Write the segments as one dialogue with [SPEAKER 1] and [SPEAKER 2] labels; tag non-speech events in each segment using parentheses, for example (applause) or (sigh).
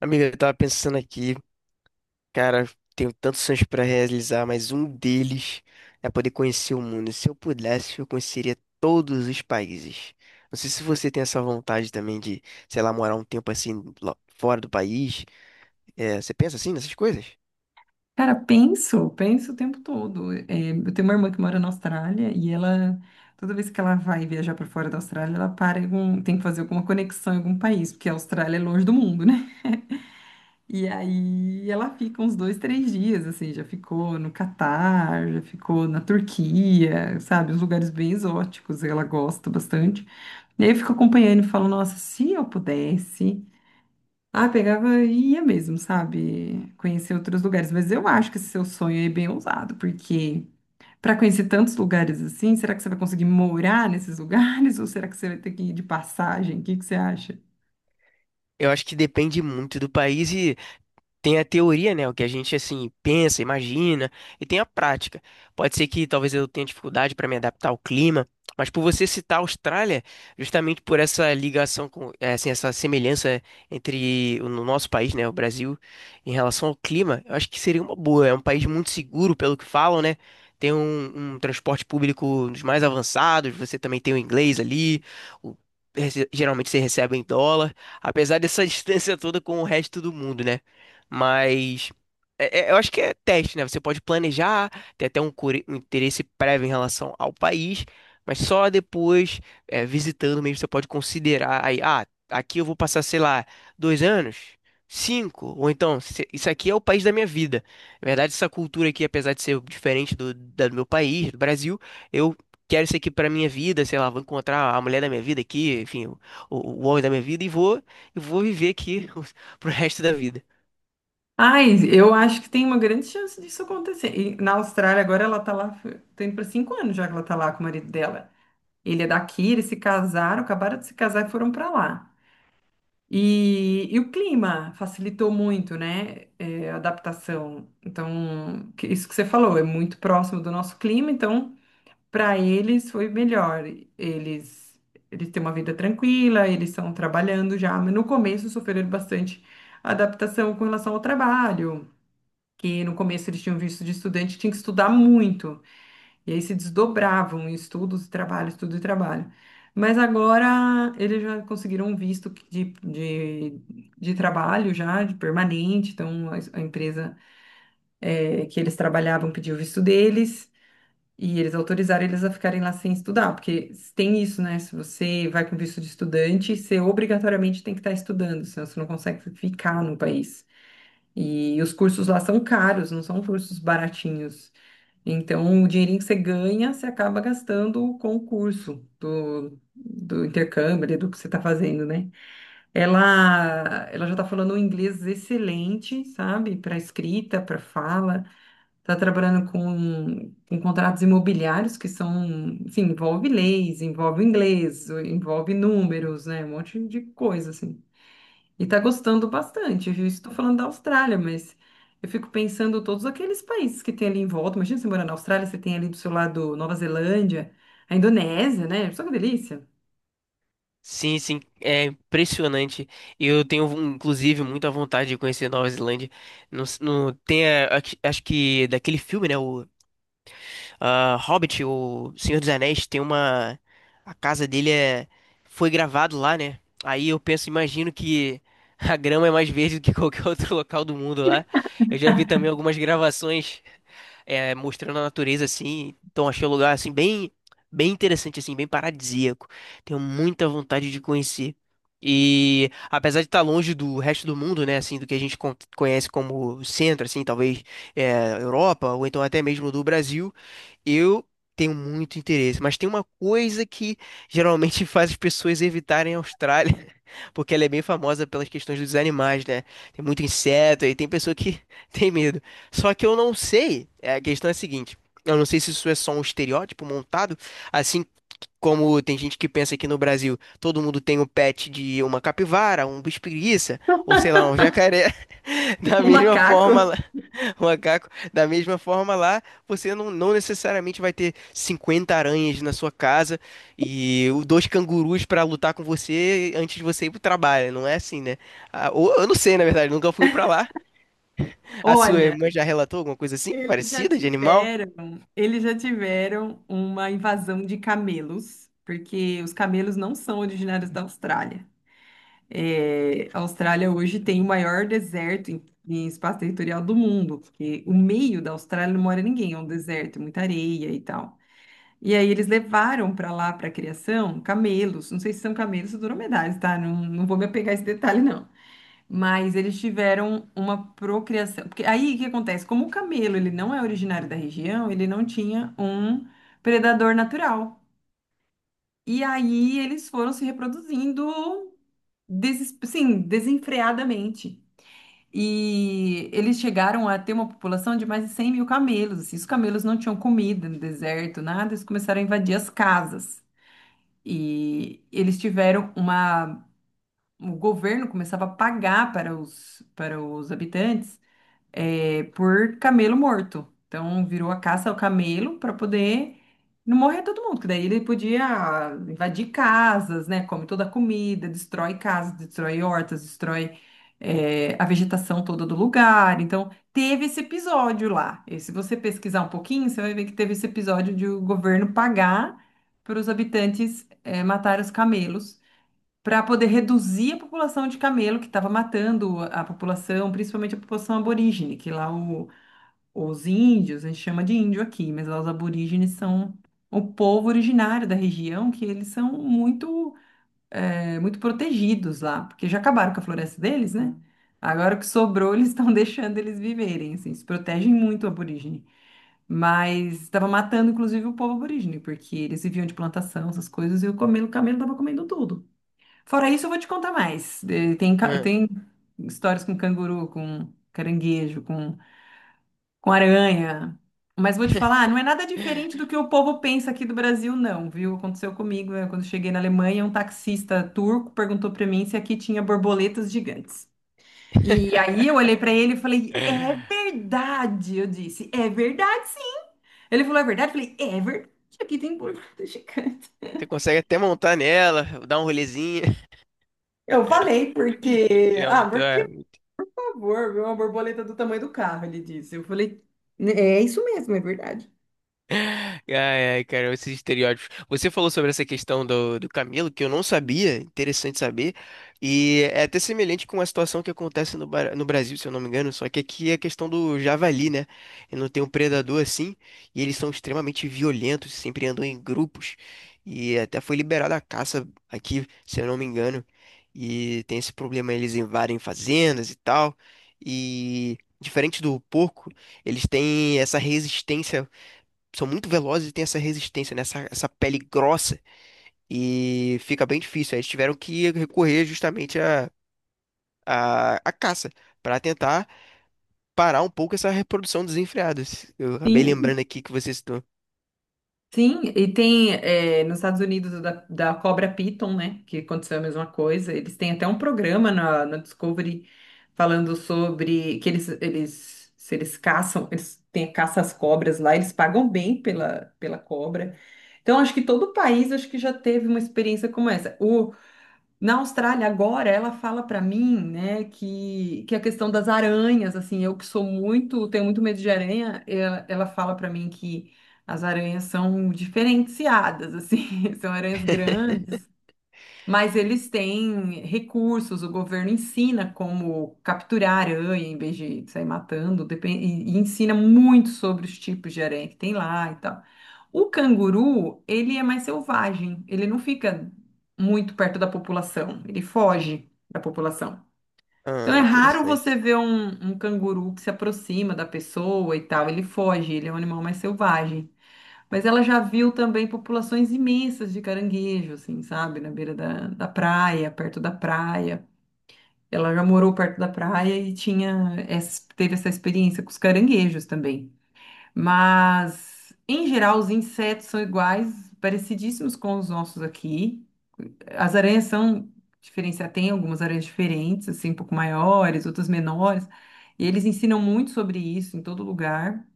[SPEAKER 1] Amiga, eu tava pensando aqui, cara, tenho tantos sonhos pra realizar, mas um deles é poder conhecer o mundo. Se eu pudesse, eu conheceria todos os países. Não sei se você tem essa vontade também de, sei lá, morar um tempo assim lá fora do país. É, você pensa assim nessas coisas?
[SPEAKER 2] Cara, penso, penso o tempo todo. É, eu tenho uma irmã que mora na Austrália e ela, toda vez que ela vai viajar para fora da Austrália, ela para em algum, tem que fazer alguma conexão em algum país, porque a Austrália é longe do mundo, né? E aí ela fica uns dois, três dias, assim, já ficou no Catar, já ficou na Turquia, sabe? Uns lugares bem exóticos, ela gosta bastante. E aí eu fico acompanhando e falo, nossa, se eu pudesse. Ah, pegava e ia mesmo, sabe? Conhecer outros lugares. Mas eu acho que esse seu sonho é bem ousado, porque para conhecer tantos lugares assim, será que você vai conseguir morar nesses lugares? (laughs) Ou será que você vai ter que ir de passagem? O que que você acha?
[SPEAKER 1] Eu acho que depende muito do país. Tem a teoria, né? O que a gente assim pensa, imagina, e tem a prática. Pode ser que talvez eu tenha dificuldade para me adaptar ao clima, mas por você citar a Austrália, justamente por essa ligação com, assim, essa semelhança entre o no nosso país, né, o Brasil, em relação ao clima, eu acho que seria uma boa. É um país muito seguro, pelo que falam, né? Tem um transporte público dos mais avançados, você também tem o inglês ali, o- geralmente você recebe em dólar, apesar dessa (laughs) distância toda com o resto do mundo, né? Mas eu acho que é teste, né? Você pode planejar, ter até um interesse prévio em relação ao país, mas só depois, visitando mesmo, você pode considerar aí, ah, aqui eu vou passar, sei lá, dois anos, cinco, ou então, isso aqui é o país da minha vida. Na verdade, essa cultura aqui, apesar de ser diferente do meu país, do Brasil, eu quero isso aqui pra minha vida, sei lá, vou encontrar a mulher da minha vida aqui, enfim, o homem da minha vida e vou viver aqui (laughs) pro resto da vida.
[SPEAKER 2] Ai, eu acho que tem uma grande chance disso acontecer. E na Austrália, agora ela tá lá, tá indo para 5 anos já que ela tá lá com o marido dela. Ele é daqui, eles se casaram, acabaram de se casar e foram para lá. E o clima facilitou muito, né, é, a adaptação. Então, que- isso que você falou, é muito próximo do nosso clima, então, para eles foi melhor. Eles, eles têm uma vida tranquila, eles estão trabalhando já, mas no começo sofreram bastante adaptação com relação ao trabalho, que no começo eles tinham visto de estudante, tinha que estudar muito. E aí se desdobravam em estudos, e trabalho, estudo e trabalho. Mas agora eles já conseguiram um visto de trabalho já, de permanente. Então a empresa que eles trabalhavam pediu o visto deles e eles autorizaram eles a ficarem lá sem estudar, porque tem isso, né? Se você vai com visto de estudante, você obrigatoriamente tem que estar estudando, senão você não consegue ficar no país. E os cursos lá são caros, não são cursos baratinhos. Então, o dinheirinho que você ganha, você acaba gastando com o curso do intercâmbio, ali, do que você está fazendo, né? Ela já está falando um inglês excelente, sabe? Para escrita, para fala. Está trabalhando com contratos imobiliários que são, assim, envolve leis, envolve inglês, envolve números, né? Um monte de coisa, assim. E tá gostando bastante, viu? Estou falando da Austrália, mas eu fico pensando todos aqueles países que tem ali em volta. Imagina você morar na Austrália, você tem ali do seu lado Nova Zelândia, a Indonésia, né? Só que delícia. (laughs)
[SPEAKER 1] Sim, sim, é impressionante. Eu tenho, inclusive, muita vontade de conhecer Nova Zelândia. No s- Tem, acho que daquele filme, né? Hobbit, o Senhor dos Anéis, tem uma. A casa dele é, foi gravado lá, né? Aí eu penso, imagino que (laughs) a grama é mais verde do que qualquer (laughs) outro local do mundo lá. Eu já vi também algumas gravações mostrando a natureza assim. Então achei o lugar assim bem, bem interessante assim, bem paradisíaco. Tenho muita vontade de conhecer. E apesar de estar longe do resto do mundo, né, assim, do que a gente conhece como centro, assim, talvez Europa ou então até mesmo do Brasil, eu tenho muito interesse, mas tem uma coisa que geralmente (laughs) faz as pessoas evitarem a Austrália, (laughs) porque ela é bem famosa pelas questões dos animais, né? Tem muito inseto e tem pessoa que (laughs) tem medo. Só que eu não sei, a questão é a seguinte, eu não sei se isso é só um estereótipo montado, assim como tem gente que pensa que no Brasil todo mundo tem um pet de uma capivara, um bicho-preguiça, ou sei lá, um jacaré, (laughs) da
[SPEAKER 2] Um
[SPEAKER 1] mesma forma.
[SPEAKER 2] macaco.
[SPEAKER 1] (laughs) O macaco, da mesma forma lá, você não necessariamente vai ter 50 aranhas na sua casa e dois cangurus pra lutar com você antes de você ir pro trabalho. Não é assim, né? Ah, eu não sei, na verdade, nunca fui pra lá. A sua
[SPEAKER 2] Olha,
[SPEAKER 1] irmã já relatou alguma coisa assim,
[SPEAKER 2] eles já
[SPEAKER 1] parecida de animal?
[SPEAKER 2] tiveram, eles já tiveram uma invasão de camelos, porque os camelos não são originários da Austrália. É, a Austrália hoje tem o maior deserto em espaço territorial do mundo, porque o meio da Austrália não mora ninguém, é um deserto, é muita areia e tal. E aí eles levaram para lá para criação camelos, não sei se são camelos ou dromedários, tá? Não, não vou me apegar a esse detalhe, não. Mas eles tiveram uma procriação, porque aí o que acontece? Como o camelo ele não é originário da região, ele não tinha um predador natural. E aí eles foram se reproduzindo sim, desenfreadamente. E eles chegaram a ter uma população de mais de 100 mil camelos. Assim. Os camelos não tinham comida no deserto, nada, eles começaram a invadir as casas. E eles tiveram uma. O governo começava a pagar para os habitantes por camelo morto. Então virou a caça ao camelo para poder não morrer todo mundo, que daí ele podia invadir casas, né? Come toda a comida, destrói casas, destrói hortas, destrói a vegetação toda do lugar. Então teve esse episódio lá. E se você pesquisar um pouquinho, você vai ver que teve esse episódio de o governo pagar para os habitantes matar os camelos para poder reduzir a população de camelo que estava matando a população, principalmente a população aborígene, que lá os índios, a gente chama de índio aqui, mas lá os aborígenes são o povo originário da região, que eles são muito, muito protegidos lá, porque já acabaram com a floresta deles, né? Agora o que sobrou, eles estão (laughs) deixando eles viverem, assim, se protegem muito o aborígene. Mas estava matando, inclusive, o povo aborígene, porque eles viviam de plantação, essas coisas, e o camelo estava comendo tudo. Fora isso, eu vou te contar mais. Tem,
[SPEAKER 1] Hã.
[SPEAKER 2] tem histórias com canguru, com caranguejo, com aranha. Mas vou te falar,
[SPEAKER 1] (laughs)
[SPEAKER 2] não é nada diferente do que o povo pensa aqui do Brasil, não, viu? Aconteceu comigo, quando cheguei na Alemanha, um taxista turco perguntou para mim se aqui tinha borboletas gigantes. E aí eu olhei para ele e falei, é verdade, eu disse, é verdade sim. Ele falou, é verdade? Eu falei, é verdade, aqui tem borboleta gigante.
[SPEAKER 1] Você consegue até montar nela, dar um rolezinho.
[SPEAKER 2] Eu falei
[SPEAKER 1] (laughs)
[SPEAKER 2] porque, ah,
[SPEAKER 1] Realmente é.
[SPEAKER 2] favor, viu? Uma borboleta do tamanho do carro, ele disse. Eu falei, é isso mesmo, é verdade.
[SPEAKER 1] Ai, ai, cara, esses estereótipos. Você falou sobre essa questão do Camilo, que eu não sabia, interessante saber. E é até semelhante com a situação que acontece no Brasil, se eu não me engano, só que aqui é a questão do javali, né? E não tem um predador assim, e eles são extremamente violentos, sempre andam em grupos. E até foi liberada a caça aqui, se eu não me engano. E tem esse problema, eles invadem fazendas e tal. E diferente do porco, eles têm essa resistência, são muito velozes e têm essa resistência, né? Essa pele grossa e fica bem difícil. Aí eles tiveram que recorrer justamente à caça para tentar parar um pouco essa reprodução desenfreada. Eu acabei
[SPEAKER 2] Sim,
[SPEAKER 1] lembrando aqui que você citou.
[SPEAKER 2] sim. E tem nos Estados Unidos o da cobra Python, né? Que aconteceu a mesma coisa. Eles têm até um programa na Discovery falando sobre que eles, se eles caçam, eles têm caça às cobras lá, eles pagam bem pela cobra. Então, acho que todo o país acho que já teve uma experiência como essa. O, na Austrália, agora, ela fala para mim, né, que a questão das aranhas, assim, eu que sou muito, tenho muito medo de aranha, ela fala para mim que as aranhas são diferenciadas, assim, (laughs) são aranhas
[SPEAKER 1] (laughs)
[SPEAKER 2] grandes, mas eles têm recursos, o governo ensina como capturar aranha em vez de sair matando, e ensina muito sobre os tipos de aranha que tem lá e tal. O canguru, ele é mais selvagem, ele não fica muito perto da população, ele foge da população. Então
[SPEAKER 1] Ah,
[SPEAKER 2] é raro
[SPEAKER 1] interessante.
[SPEAKER 2] você ver um, um canguru que se aproxima da pessoa e tal, ele foge, ele é um animal mais selvagem. Mas ela já viu também populações imensas de caranguejo, assim, sabe? Na beira da praia, perto da praia. Ela já morou perto da praia e tinha teve essa experiência com os caranguejos também. Mas, em geral, os insetos são iguais, parecidíssimos com os nossos aqui. As aranhas são diferenciadas, tem algumas aranhas diferentes, assim, um pouco maiores, outras menores. E eles ensinam muito sobre isso em todo lugar.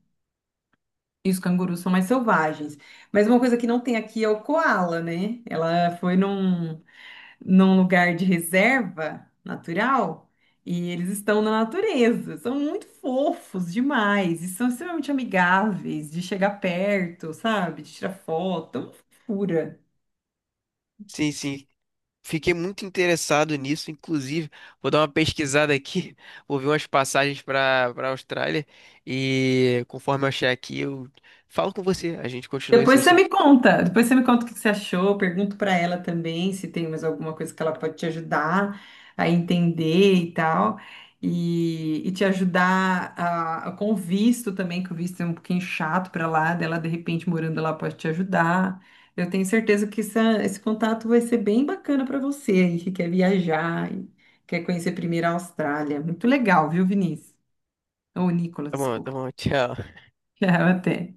[SPEAKER 2] E os cangurus são mais selvagens. Mas uma coisa que não tem aqui é o coala, né? Ela foi num, num lugar de reserva natural e eles estão na natureza. São muito fofos demais e são extremamente amigáveis de chegar perto, sabe? De tirar foto. É uma fofura.
[SPEAKER 1] Sim, sim. Fiquei muito interessado nisso, inclusive, vou dar uma pesquisada aqui, (laughs) vou ver umas passagens para a Austrália e conforme eu achar aqui, eu falo com você. A gente continua esse
[SPEAKER 2] Depois você
[SPEAKER 1] assunto.
[SPEAKER 2] me conta, depois você me conta o que que você achou, pergunto para ela também se tem mais alguma coisa que ela pode te ajudar a entender e tal, e te ajudar a, com o visto também, que o visto é um pouquinho chato para lá, dela de repente morando lá pode te ajudar. Eu tenho certeza que esse contato vai ser bem bacana para você aí que quer viajar e quer conhecer primeiro a Austrália. Muito legal, viu, Vinícius? Ou Nicolas,
[SPEAKER 1] Tá
[SPEAKER 2] desculpa.
[SPEAKER 1] bom, tchau.
[SPEAKER 2] (laughs) Até.